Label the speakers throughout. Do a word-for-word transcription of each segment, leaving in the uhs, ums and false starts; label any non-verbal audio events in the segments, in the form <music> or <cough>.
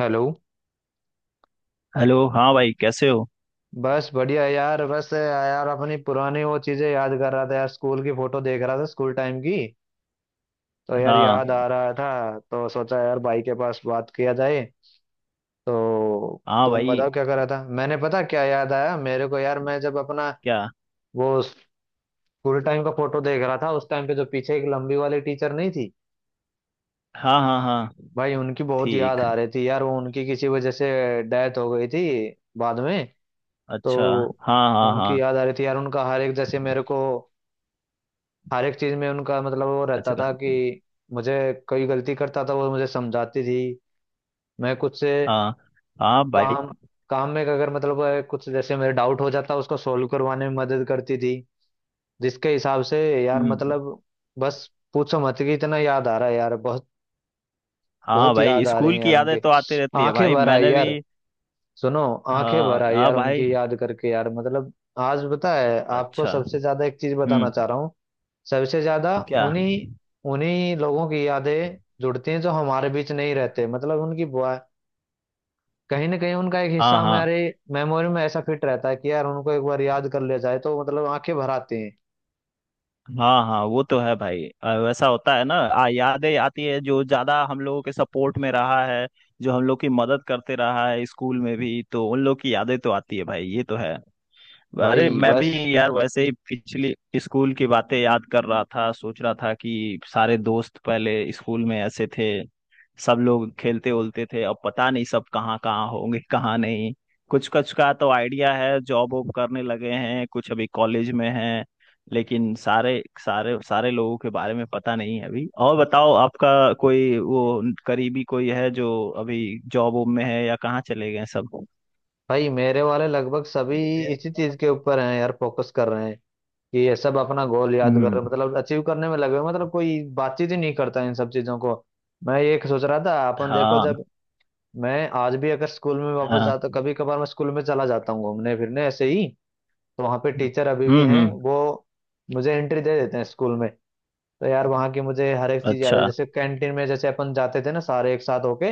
Speaker 1: Hello.
Speaker 2: Hello. हाँ भाई, कैसे हो?
Speaker 1: बस बढ़िया है यार। बस यार अपनी पुरानी वो चीजें याद कर रहा था यार, स्कूल की फोटो देख रहा था स्कूल टाइम की। तो यार
Speaker 2: हाँ।
Speaker 1: याद आ रहा था तो सोचा यार भाई के पास बात किया जाए। तो
Speaker 2: हाँ
Speaker 1: तुम
Speaker 2: भाई,
Speaker 1: बताओ क्या कर रहा था। मैंने पता क्या याद आया मेरे को यार, मैं जब अपना
Speaker 2: क्या?
Speaker 1: वो स्कूल टाइम का फोटो देख रहा था उस टाइम पे जो पीछे एक लंबी वाली टीचर नहीं थी,
Speaker 2: हाँ हाँ हाँ।
Speaker 1: भाई उनकी बहुत याद
Speaker 2: ठीक।
Speaker 1: आ रही थी यार। वो उनकी किसी वजह से डेथ हो गई थी बाद में। तो
Speaker 2: अच्छा। हाँ हाँ
Speaker 1: उनकी
Speaker 2: हाँ।
Speaker 1: याद आ रही थी यार। उनका हर एक, जैसे मेरे को हर एक चीज में उनका मतलब वो रहता
Speaker 2: अच्छा
Speaker 1: था
Speaker 2: का।
Speaker 1: कि मुझे कोई गलती करता था वो मुझे समझाती थी। मैं कुछ से
Speaker 2: हाँ हाँ भाई।
Speaker 1: काम, काम में अगर मतलब अ, कुछ जैसे मेरे डाउट हो जाता उसको सोल्व करवाने में मदद करती थी, जिसके हिसाब से यार
Speaker 2: हम्म।
Speaker 1: मतलब बस पूछो मत कि इतना याद आ रहा है यार। बहुत
Speaker 2: हाँ
Speaker 1: बहुत
Speaker 2: भाई,
Speaker 1: याद आ रहे
Speaker 2: स्कूल
Speaker 1: हैं
Speaker 2: की
Speaker 1: यार
Speaker 2: यादें
Speaker 1: उनके।
Speaker 2: तो आती रहती है
Speaker 1: आंखें
Speaker 2: भाई।
Speaker 1: भर आई
Speaker 2: मैंने भी
Speaker 1: यार। सुनो, आंखें
Speaker 2: हाँ
Speaker 1: भर आई
Speaker 2: हाँ
Speaker 1: यार
Speaker 2: भाई।
Speaker 1: उनकी याद करके यार मतलब। आज पता है आपको
Speaker 2: अच्छा।
Speaker 1: सबसे ज्यादा एक चीज बताना
Speaker 2: हम्म।
Speaker 1: चाह रहा हूँ। सबसे ज्यादा
Speaker 2: क्या?
Speaker 1: उन्हीं उन्हीं लोगों की यादें जुड़ती हैं जो हमारे बीच नहीं रहते। मतलब उनकी बुआ कहीं ना कहीं उनका एक हिस्सा
Speaker 2: हाँ हाँ
Speaker 1: हमारे मेमोरी में ऐसा फिट रहता है कि यार उनको एक बार याद कर लिया जाए तो मतलब आंखें भर आती हैं।
Speaker 2: हाँ। हाँ, वो तो है भाई। अ, वैसा होता है ना। आ, यादें आती है जो ज्यादा हम लोगों के सपोर्ट में रहा है, जो हम लोग की मदद करते रहा है स्कूल में भी, तो उन लोग की यादें तो आती है भाई। ये तो है। अरे
Speaker 1: भाई
Speaker 2: मैं
Speaker 1: बस।
Speaker 2: भी यार, वैसे ही पिछली स्कूल की बातें याद कर रहा था। सोच रहा था कि सारे दोस्त पहले स्कूल में ऐसे थे, सब लोग खेलते उलते थे। अब पता नहीं सब कहाँ कहाँ होंगे, कहाँ नहीं। कुछ कुछ का तो आइडिया है, जॉब वॉब करने लगे हैं, कुछ अभी कॉलेज में हैं। लेकिन सारे सारे सारे लोगों के बारे में पता नहीं है अभी। और बताओ, आपका कोई वो करीबी कोई है जो अभी जॉब वॉब में है या कहाँ चले गए सब?
Speaker 1: भाई मेरे वाले लगभग सभी इसी चीज के ऊपर हैं यार, फोकस कर रहे हैं कि ये सब अपना गोल याद कर
Speaker 2: हम्म।
Speaker 1: मतलब अचीव करने में लगे हुए हैं। मतलब कोई बातचीत ही नहीं करता इन सब चीजों को। मैं ये सोच रहा था, अपन देखो
Speaker 2: हाँ
Speaker 1: जब मैं आज भी अगर स्कूल में वापस
Speaker 2: हाँ।
Speaker 1: जाता, कभी कभार मैं स्कूल में चला जाता हूँ घूमने फिरने ऐसे ही। तो वहाँ पे टीचर अभी
Speaker 2: हम्म
Speaker 1: भी हैं,
Speaker 2: हम्म।
Speaker 1: वो मुझे एंट्री दे देते हैं स्कूल में। तो यार वहाँ की मुझे हर एक चीज़ याद है,
Speaker 2: अच्छा।
Speaker 1: जैसे कैंटीन में जैसे अपन जाते थे ना सारे एक साथ होके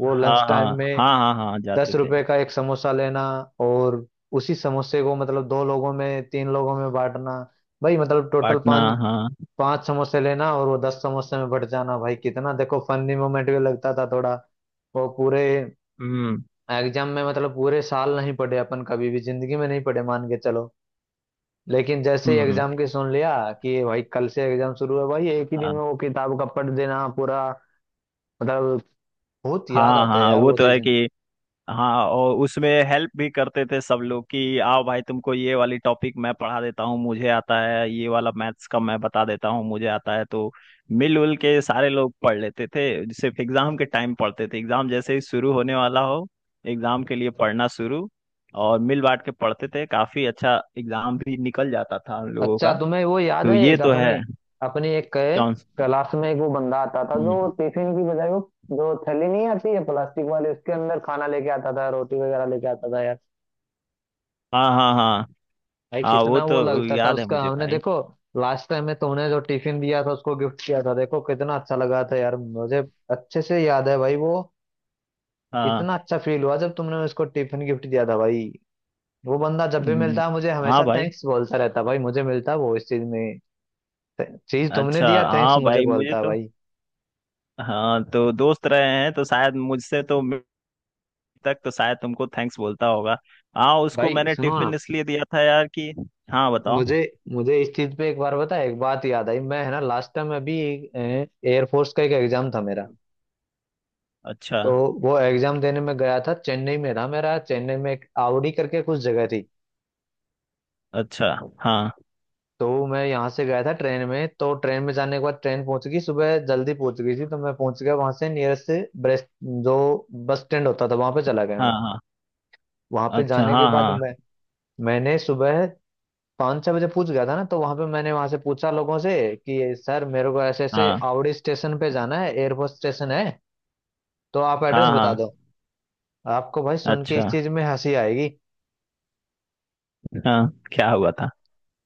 Speaker 1: वो
Speaker 2: हाँ
Speaker 1: लंच
Speaker 2: हाँ
Speaker 1: टाइम में
Speaker 2: हाँ। हाँ हाँ जाते
Speaker 1: दस
Speaker 2: थे।
Speaker 1: रुपए का एक समोसा लेना। और उसी समोसे को मतलब दो लोगों में तीन लोगों में बांटना। भाई मतलब टोटल
Speaker 2: पाटना।
Speaker 1: पाँच
Speaker 2: हाँ।
Speaker 1: पाँच समोसे लेना और वो दस समोसे में बट जाना। भाई कितना देखो फनी मोमेंट भी लगता था थोड़ा। वो पूरे
Speaker 2: हम्म
Speaker 1: एग्जाम में मतलब पूरे साल नहीं पढ़े अपन, कभी भी जिंदगी में नहीं पढ़े मान के चलो। लेकिन जैसे ही
Speaker 2: हम्म।
Speaker 1: एग्जाम की सुन लिया कि भाई कल से एग्जाम शुरू है, भाई एक ही दिन
Speaker 2: हाँ
Speaker 1: में वो किताब का पढ़ देना पूरा। मतलब बहुत याद
Speaker 2: हाँ।
Speaker 1: आता है
Speaker 2: हाँ,
Speaker 1: यार
Speaker 2: वो
Speaker 1: वो
Speaker 2: तो है
Speaker 1: चीजें।
Speaker 2: कि हाँ। और उसमें हेल्प भी करते थे सब लोग कि आओ भाई तुमको ये वाली टॉपिक मैं पढ़ा देता हूँ, मुझे आता है। ये वाला मैथ्स का मैं बता देता हूँ, मुझे आता है। तो मिलजुल के सारे लोग पढ़ लेते थे। सिर्फ एग्जाम के टाइम पढ़ते थे। एग्जाम जैसे ही शुरू होने वाला हो, एग्जाम के लिए पढ़ना शुरू। और मिल बांट के पढ़ते थे, काफी अच्छा एग्जाम भी निकल जाता था हम लोगों
Speaker 1: अच्छा
Speaker 2: का।
Speaker 1: तुम्हें वो याद
Speaker 2: तो
Speaker 1: है,
Speaker 2: ये
Speaker 1: एक
Speaker 2: तो
Speaker 1: अपने
Speaker 2: है।
Speaker 1: अपनी एक
Speaker 2: कौन?
Speaker 1: क्लास में एक वो बंदा आता था जो
Speaker 2: हम्म।
Speaker 1: टिफिन की बजाय वो जो थैली नहीं आती है प्लास्टिक वाली उसके अंदर खाना लेके आता था, रोटी वगैरह लेके आता था।
Speaker 2: हाँ हाँ हाँ।
Speaker 1: भाई
Speaker 2: हाँ, वो
Speaker 1: कितना वो
Speaker 2: तो
Speaker 1: लगता था
Speaker 2: याद है
Speaker 1: उसका,
Speaker 2: मुझे
Speaker 1: हमने
Speaker 2: भाई।
Speaker 1: देखो लास्ट टाइम में तुमने जो टिफिन दिया था उसको गिफ्ट किया था, देखो कितना अच्छा लगा था यार मुझे। अच्छे से याद है भाई वो।
Speaker 2: हाँ।
Speaker 1: इतना अच्छा फील हुआ जब तुमने उसको टिफिन गिफ्ट दिया था भाई। वो बंदा जब भी
Speaker 2: हम्म।
Speaker 1: मिलता है मुझे
Speaker 2: हाँ
Speaker 1: हमेशा
Speaker 2: भाई।
Speaker 1: थैंक्स बोलता रहता है भाई, मुझे मिलता है वो इस चीज में। चीज तुमने
Speaker 2: अच्छा
Speaker 1: दिया थैंक्स
Speaker 2: हाँ
Speaker 1: मुझे
Speaker 2: भाई, मुझे
Speaker 1: बोलता है
Speaker 2: तो
Speaker 1: भाई।
Speaker 2: हाँ, तो दोस्त रहे हैं तो शायद मुझसे तो मिड तक तो शायद तुमको थैंक्स बोलता होगा। हाँ, उसको
Speaker 1: भाई
Speaker 2: मैंने
Speaker 1: सुनो ना,
Speaker 2: टिफिन इसलिए दिया था यार कि हाँ बताओ।
Speaker 1: मुझे मुझे इस चीज पे एक बार बता, एक बात याद आई। मैं है ना लास्ट टाइम अभी एयरफोर्स का एक एग्जाम था मेरा।
Speaker 2: अच्छा।
Speaker 1: तो वो एग्जाम देने में गया था, चेन्नई में था मेरा, चेन्नई में एक आवड़ी करके कुछ जगह थी।
Speaker 2: अच्छा। हाँ
Speaker 1: तो मैं यहाँ से गया था ट्रेन में, तो ट्रेन में जाने के बाद ट्रेन पहुंच गई, सुबह जल्दी पहुंच गई थी। तो मैं पहुंच गया वहां से, नियरेस्ट से ब्रेस्ट जो बस स्टैंड होता था वहां पे चला गया
Speaker 2: हाँ।
Speaker 1: मैं।
Speaker 2: हाँ।
Speaker 1: वहां पे
Speaker 2: अच्छा।
Speaker 1: जाने के
Speaker 2: हाँ
Speaker 1: बाद
Speaker 2: हाँ
Speaker 1: मैं मैंने सुबह पाँच छह बजे पूछ गया था ना, तो वहां पे मैंने वहां से पूछा लोगों से कि सर मेरे को ऐसे ऐसे
Speaker 2: हाँ।
Speaker 1: आवड़ी स्टेशन पे जाना है, एयरपोर्ट स्टेशन है तो आप एड्रेस
Speaker 2: हाँ
Speaker 1: बता
Speaker 2: हाँ।
Speaker 1: दो। आपको भाई सुन के
Speaker 2: अच्छा।
Speaker 1: इस चीज में हंसी आएगी।
Speaker 2: हाँ, क्या हुआ था?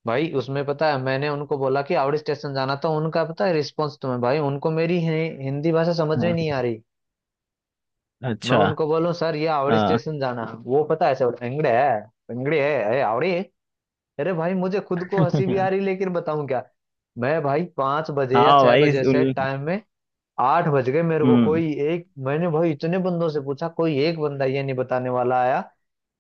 Speaker 1: भाई उसमें पता है मैंने उनको बोला कि हावड़ी स्टेशन जाना था, उनका पता है रिस्पॉन्स तुम्हें? भाई उनको मेरी हि- हिंदी भाषा समझ में
Speaker 2: हाँ।
Speaker 1: नहीं आ रही। मैं
Speaker 2: अच्छा।
Speaker 1: उनको बोलूं सर ये हावड़ी
Speaker 2: हाँ।
Speaker 1: स्टेशन जाना, वो पता है ऐसे बोलते हैं, इंगड़े है। इंगड़े है, अरे हावड़ी। अरे भाई मुझे खुद को
Speaker 2: <laughs>
Speaker 1: हंसी भी आ रही लेकिन बताऊं क्या। मैं भाई पांच बजे या
Speaker 2: हाँ
Speaker 1: छह
Speaker 2: भाई
Speaker 1: बजे से
Speaker 2: उल-
Speaker 1: टाइम में आठ बज गए मेरे को।
Speaker 2: हम्म।
Speaker 1: कोई एक, मैंने भाई इतने बंदों से पूछा, कोई एक बंदा ये नहीं बताने वाला आया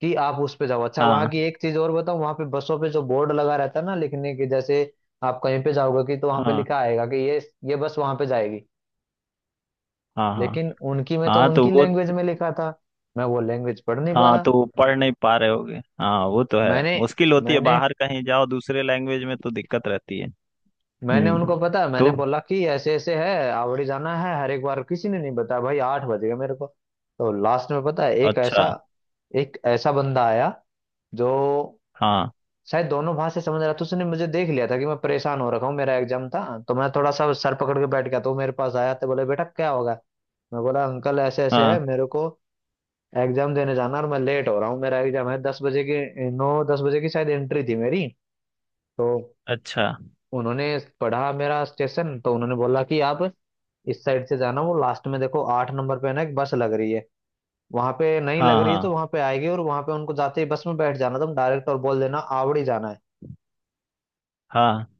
Speaker 1: कि आप उस पे जाओ। अच्छा, वहां
Speaker 2: हाँ
Speaker 1: की एक चीज और बताऊं, वहां पे बसों पे जो बोर्ड लगा रहता है ना लिखने के जैसे आप कहीं पे जाओगे कि, तो वहां पे
Speaker 2: हाँ
Speaker 1: लिखा आएगा कि ये ये बस वहां पे जाएगी।
Speaker 2: हाँ। हाँ।
Speaker 1: लेकिन उनकी में तो
Speaker 2: हाँ तो
Speaker 1: उनकी
Speaker 2: वो
Speaker 1: लैंग्वेज में लिखा था। मैं वो लैंग्वेज पढ़ नहीं पा
Speaker 2: हाँ
Speaker 1: रहा।
Speaker 2: तो वो पढ़ नहीं पा रहे होगे। हाँ, वो तो है,
Speaker 1: मैंने
Speaker 2: मुश्किल होती है,
Speaker 1: मैंने
Speaker 2: बाहर कहीं जाओ दूसरे लैंग्वेज में तो दिक्कत रहती है।
Speaker 1: मैंने
Speaker 2: हम्म।
Speaker 1: उनको पता, मैंने
Speaker 2: तो
Speaker 1: बोला कि ऐसे ऐसे है आवड़ी जाना है, हर एक बार किसी ने नहीं बताया। भाई आठ बज गए मेरे को। तो लास्ट में पता है एक
Speaker 2: अच्छा।
Speaker 1: ऐसा एक ऐसा बंदा आया जो
Speaker 2: हाँ
Speaker 1: शायद दोनों भाषा समझ रहा था। तो उसने मुझे देख लिया था कि मैं परेशान हो रखा हूँ, मेरा एग्जाम था, तो मैं थोड़ा सा सर पकड़ के बैठ गया। तो वो मेरे पास आया, तो बोले बेटा क्या होगा। मैं बोला अंकल ऐसे ऐसे है
Speaker 2: हाँ।
Speaker 1: मेरे को एग्जाम देने जाना और मैं लेट हो रहा हूँ, मेरा एग्जाम है दस बजे की, नौ दस बजे की शायद एंट्री थी मेरी। तो
Speaker 2: अच्छा।
Speaker 1: उन्होंने पढ़ा मेरा स्टेशन, तो उन्होंने बोला कि आप इस साइड से जाना, वो लास्ट में देखो आठ नंबर पे ना एक बस लग रही है, वहां पे नहीं लग
Speaker 2: हाँ
Speaker 1: रही तो
Speaker 2: हाँ
Speaker 1: वहां पे आएगी, और वहां पे उनको जाते ही बस में बैठ जाना तुम डायरेक्ट और बोल देना आवड़ी जाना है।
Speaker 2: हाँ।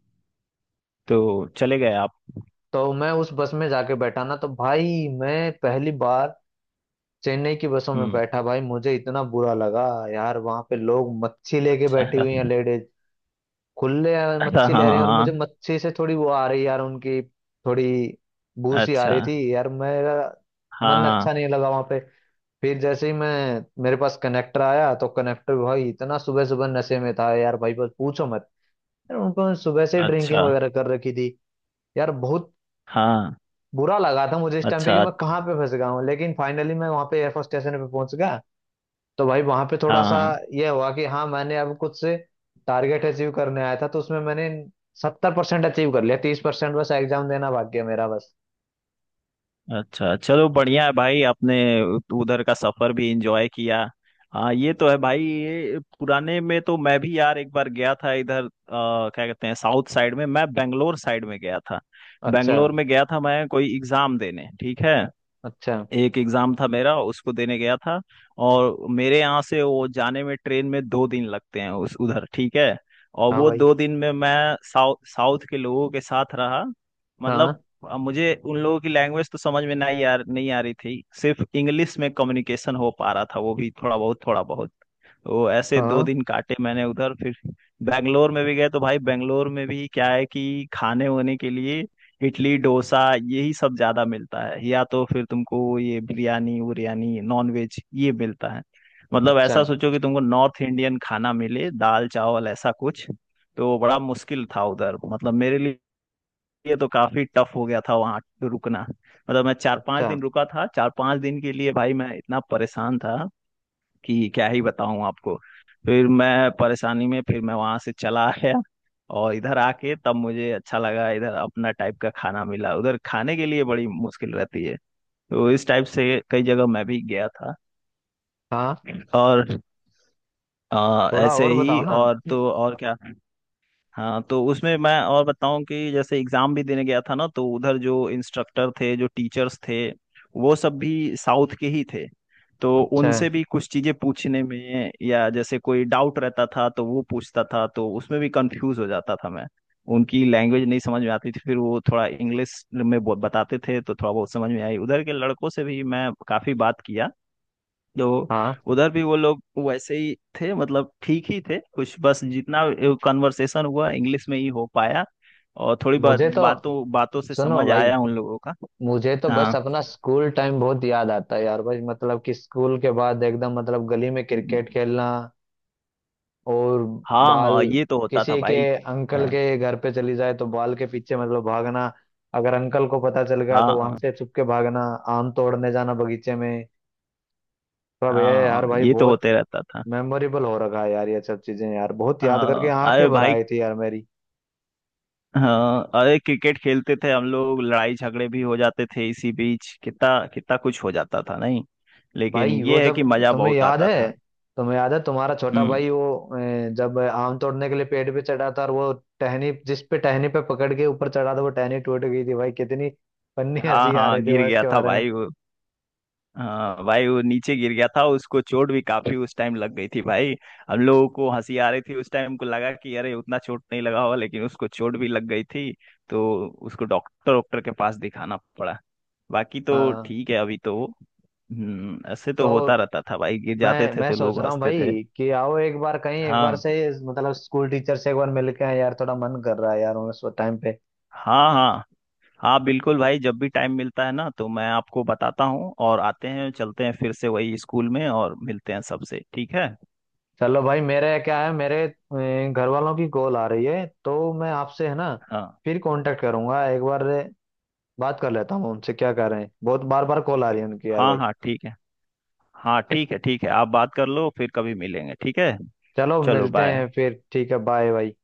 Speaker 2: तो चले गए आप?
Speaker 1: तो मैं उस बस में जाके बैठा ना, तो भाई मैं पहली बार चेन्नई की बसों में
Speaker 2: हम्म।
Speaker 1: बैठा। भाई मुझे इतना बुरा लगा यार, वहां पे लोग मच्छी लेके
Speaker 2: अच्छा।
Speaker 1: बैठी हुई हैं लेडीज, खुले
Speaker 2: <laughs> हाँ
Speaker 1: मच्छी ले रहे हैं। और
Speaker 2: हाँ।
Speaker 1: मुझे मच्छी से थोड़ी वो आ रही यार, उनकी थोड़ी बू सी आ
Speaker 2: अच्छा।
Speaker 1: रही थी यार। मेरा
Speaker 2: हाँ
Speaker 1: मन
Speaker 2: हाँ।
Speaker 1: अच्छा नहीं लगा वहां पे। फिर जैसे ही मैं, मेरे पास कनेक्टर आया तो कनेक्टर भाई इतना सुबह सुबह नशे में था यार भाई, बस पूछो मत। यार उनको सुबह से ड्रिंकिंग
Speaker 2: अच्छा।
Speaker 1: वगैरह कर रखी थी यार। बहुत
Speaker 2: हाँ।
Speaker 1: बुरा लगा था मुझे इस टाइम पे कि
Speaker 2: अच्छा।
Speaker 1: मैं कहाँ पे फंस गया हूँ। लेकिन फाइनली मैं वहाँ पे एयरफोर्स स्टेशन पे पहुंच गया। तो भाई वहाँ पे थोड़ा
Speaker 2: हाँ
Speaker 1: सा
Speaker 2: हाँ।
Speaker 1: ये हुआ कि हाँ, मैंने अब कुछ से टारगेट अचीव करने आया था तो उसमें मैंने सत्तर परसेंट अचीव कर लिया, तीस परसेंट बस एग्जाम देना बाकी है मेरा बस।
Speaker 2: अच्छा चलो बढ़िया है भाई, आपने उधर का सफर भी एंजॉय किया। हाँ ये तो है भाई। ये पुराने में तो मैं भी यार एक बार गया था इधर, अ, क्या कहते हैं, साउथ साइड में, मैं बेंगलोर साइड में गया था।
Speaker 1: अच्छा।
Speaker 2: बेंगलोर में गया था मैं, कोई एग्जाम देने। ठीक है,
Speaker 1: अच्छा।
Speaker 2: एक एग्जाम था मेरा, उसको देने गया था। और मेरे यहाँ से वो जाने में ट्रेन में दो दिन लगते हैं उस उधर। ठीक है, और
Speaker 1: हाँ
Speaker 2: वो
Speaker 1: भाई।
Speaker 2: दो दिन में मैं साउथ साउथ के लोगों के साथ रहा।
Speaker 1: हाँ
Speaker 2: मतलब अ, मुझे उन लोगों की लैंग्वेज तो समझ में नहीं आ नहीं आ रही थी। सिर्फ इंग्लिश में कम्युनिकेशन हो पा रहा था, वो भी थोड़ा बहुत थोड़ा बहुत। वो ऐसे दो
Speaker 1: हाँ।
Speaker 2: दिन काटे मैंने उधर। फिर बेंगलोर में भी गए तो भाई बेंगलोर में भी क्या है कि खाने होने के लिए इडली डोसा यही सब ज्यादा मिलता है, या तो फिर तुमको ये बिरयानी उरियानी नॉन वेज ये मिलता है। मतलब ऐसा
Speaker 1: अच्छा।
Speaker 2: सोचो कि तुमको नॉर्थ इंडियन खाना मिले, दाल चावल ऐसा कुछ, तो बड़ा मुश्किल था उधर, मतलब मेरे लिए। तो काफी टफ हो गया था वहाँ रुकना। मतलब मैं चार पांच
Speaker 1: अच्छा।
Speaker 2: दिन रुका था, चार पांच दिन के लिए भाई मैं इतना परेशान था कि क्या ही बताऊं आपको। फिर मैं परेशानी में फिर मैं वहां से चला <laughs> आया। और इधर आके तब मुझे अच्छा लगा, इधर अपना टाइप का खाना मिला, उधर खाने के लिए बड़ी मुश्किल रहती है। तो इस टाइप से कई जगह मैं भी गया था।
Speaker 1: हाँ।
Speaker 2: और अ,
Speaker 1: थोड़ा
Speaker 2: ऐसे
Speaker 1: और बताओ
Speaker 2: ही,
Speaker 1: ना।
Speaker 2: और तो और क्या। हाँ तो उसमें मैं और बताऊं कि जैसे एग्जाम भी देने गया था ना तो उधर जो इंस्ट्रक्टर थे, जो टीचर्स थे, वो सब भी साउथ के ही थे। तो
Speaker 1: अच्छा।
Speaker 2: उनसे भी कुछ चीजें पूछने में या जैसे कोई डाउट रहता था तो वो पूछता था तो उसमें भी कंफ्यूज हो जाता था मैं, उनकी लैंग्वेज नहीं समझ में आती थी। फिर वो थोड़ा इंग्लिश में बहुत बताते थे तो थोड़ा बहुत समझ में आई। उधर के लड़कों से भी मैं काफी बात किया। तो
Speaker 1: हाँ
Speaker 2: उधर भी वो लोग वैसे ही थे, मतलब ठीक ही थे कुछ बस, जितना कन्वर्सेशन हुआ इंग्लिश में ही हो पाया और थोड़ी बात
Speaker 1: मुझे तो,
Speaker 2: बातों बातों से
Speaker 1: सुनो
Speaker 2: समझ
Speaker 1: भाई,
Speaker 2: आया उन लोगों का।
Speaker 1: मुझे तो बस
Speaker 2: हाँ
Speaker 1: अपना स्कूल टाइम बहुत याद आता है यार भाई, मतलब कि स्कूल के बाद एकदम मतलब गली में क्रिकेट खेलना। और
Speaker 2: हाँ,
Speaker 1: बाल
Speaker 2: हाँ ये तो होता था
Speaker 1: किसी के
Speaker 2: भाई।
Speaker 1: अंकल
Speaker 2: हाँ
Speaker 1: के घर पे चली जाए तो बाल के पीछे मतलब भागना। अगर अंकल को पता चल गया तो वहां
Speaker 2: हाँ
Speaker 1: से छुप के भागना। आम तोड़ने जाना बगीचे में। सब ये
Speaker 2: हाँ।
Speaker 1: यार
Speaker 2: हाँ,
Speaker 1: भाई
Speaker 2: ये तो
Speaker 1: बहुत
Speaker 2: होते रहता था।
Speaker 1: मेमोरेबल हो रखा है यार, ये सब चीजें यार बहुत याद करके
Speaker 2: हाँ
Speaker 1: आंखें
Speaker 2: अरे
Speaker 1: भर
Speaker 2: भाई,
Speaker 1: आई थी यार मेरी।
Speaker 2: हाँ अरे क्रिकेट खेलते थे हम लोग, लड़ाई झगड़े भी हो जाते थे इसी बीच, कितना कितना कुछ हो जाता था नहीं। लेकिन
Speaker 1: भाई वो
Speaker 2: ये है
Speaker 1: जब,
Speaker 2: कि मजा
Speaker 1: तुम्हें
Speaker 2: बहुत
Speaker 1: याद
Speaker 2: आता था।
Speaker 1: है तुम्हें याद है तुम्हारा छोटा
Speaker 2: हम्म।
Speaker 1: भाई वो अ, जब आम तोड़ने के लिए पेड़ पे चढ़ा था और वो टहनी, जिस पे टहनी पे पकड़ के ऊपर चढ़ा था वो टहनी टूट गई थी। भाई कितनी फन्नी
Speaker 2: हाँ
Speaker 1: हंसी आ
Speaker 2: हाँ
Speaker 1: रही थी
Speaker 2: गिर
Speaker 1: भाई
Speaker 2: गया
Speaker 1: उसके
Speaker 2: था
Speaker 1: बारे में।
Speaker 2: भाई वो। हाँ भाई वो नीचे गिर गया था, उसको चोट भी काफी उस टाइम लग गई थी भाई। हम लोगों को हंसी आ रही थी उस टाइम, को लगा कि अरे उतना चोट नहीं लगा होगा, लेकिन उसको चोट भी लग गई थी। तो उसको डॉक्टर डॉक्टर के पास दिखाना पड़ा। बाकी तो
Speaker 1: हाँ
Speaker 2: ठीक है अभी तो। हम्म, ऐसे तो होता
Speaker 1: तो
Speaker 2: रहता था भाई, गिर जाते
Speaker 1: मैं
Speaker 2: थे
Speaker 1: मैं
Speaker 2: तो
Speaker 1: सोच
Speaker 2: लोग
Speaker 1: रहा हूँ
Speaker 2: हंसते थे।
Speaker 1: भाई कि आओ एक बार कहीं, एक बार
Speaker 2: हाँ
Speaker 1: से मतलब स्कूल टीचर से एक बार मिल के आएं यार, थोड़ा मन कर रहा है यार उस टाइम पे।
Speaker 2: हाँ हाँ। हाँ बिल्कुल भाई, जब भी टाइम मिलता है ना तो मैं आपको बताता हूँ, और आते हैं चलते हैं फिर से वही स्कूल में, और मिलते हैं सबसे, ठीक है।
Speaker 1: चलो भाई, मेरे क्या है, मेरे अ, घर वालों की कॉल आ रही है, तो मैं आपसे है ना
Speaker 2: हाँ
Speaker 1: फिर कांटेक्ट करूंगा एक बार। बात कर लेता हूँ उनसे क्या कर रहे हैं, बहुत बार बार कॉल आ
Speaker 2: ओके।
Speaker 1: रही है उनकी यार
Speaker 2: हाँ
Speaker 1: भाई।
Speaker 2: हाँ ठीक है। हाँ ठीक है ठीक है, आप बात कर लो फिर कभी मिलेंगे, ठीक है।
Speaker 1: चलो
Speaker 2: चलो
Speaker 1: मिलते
Speaker 2: बाय।
Speaker 1: हैं फिर ठीक है, बाय भाई।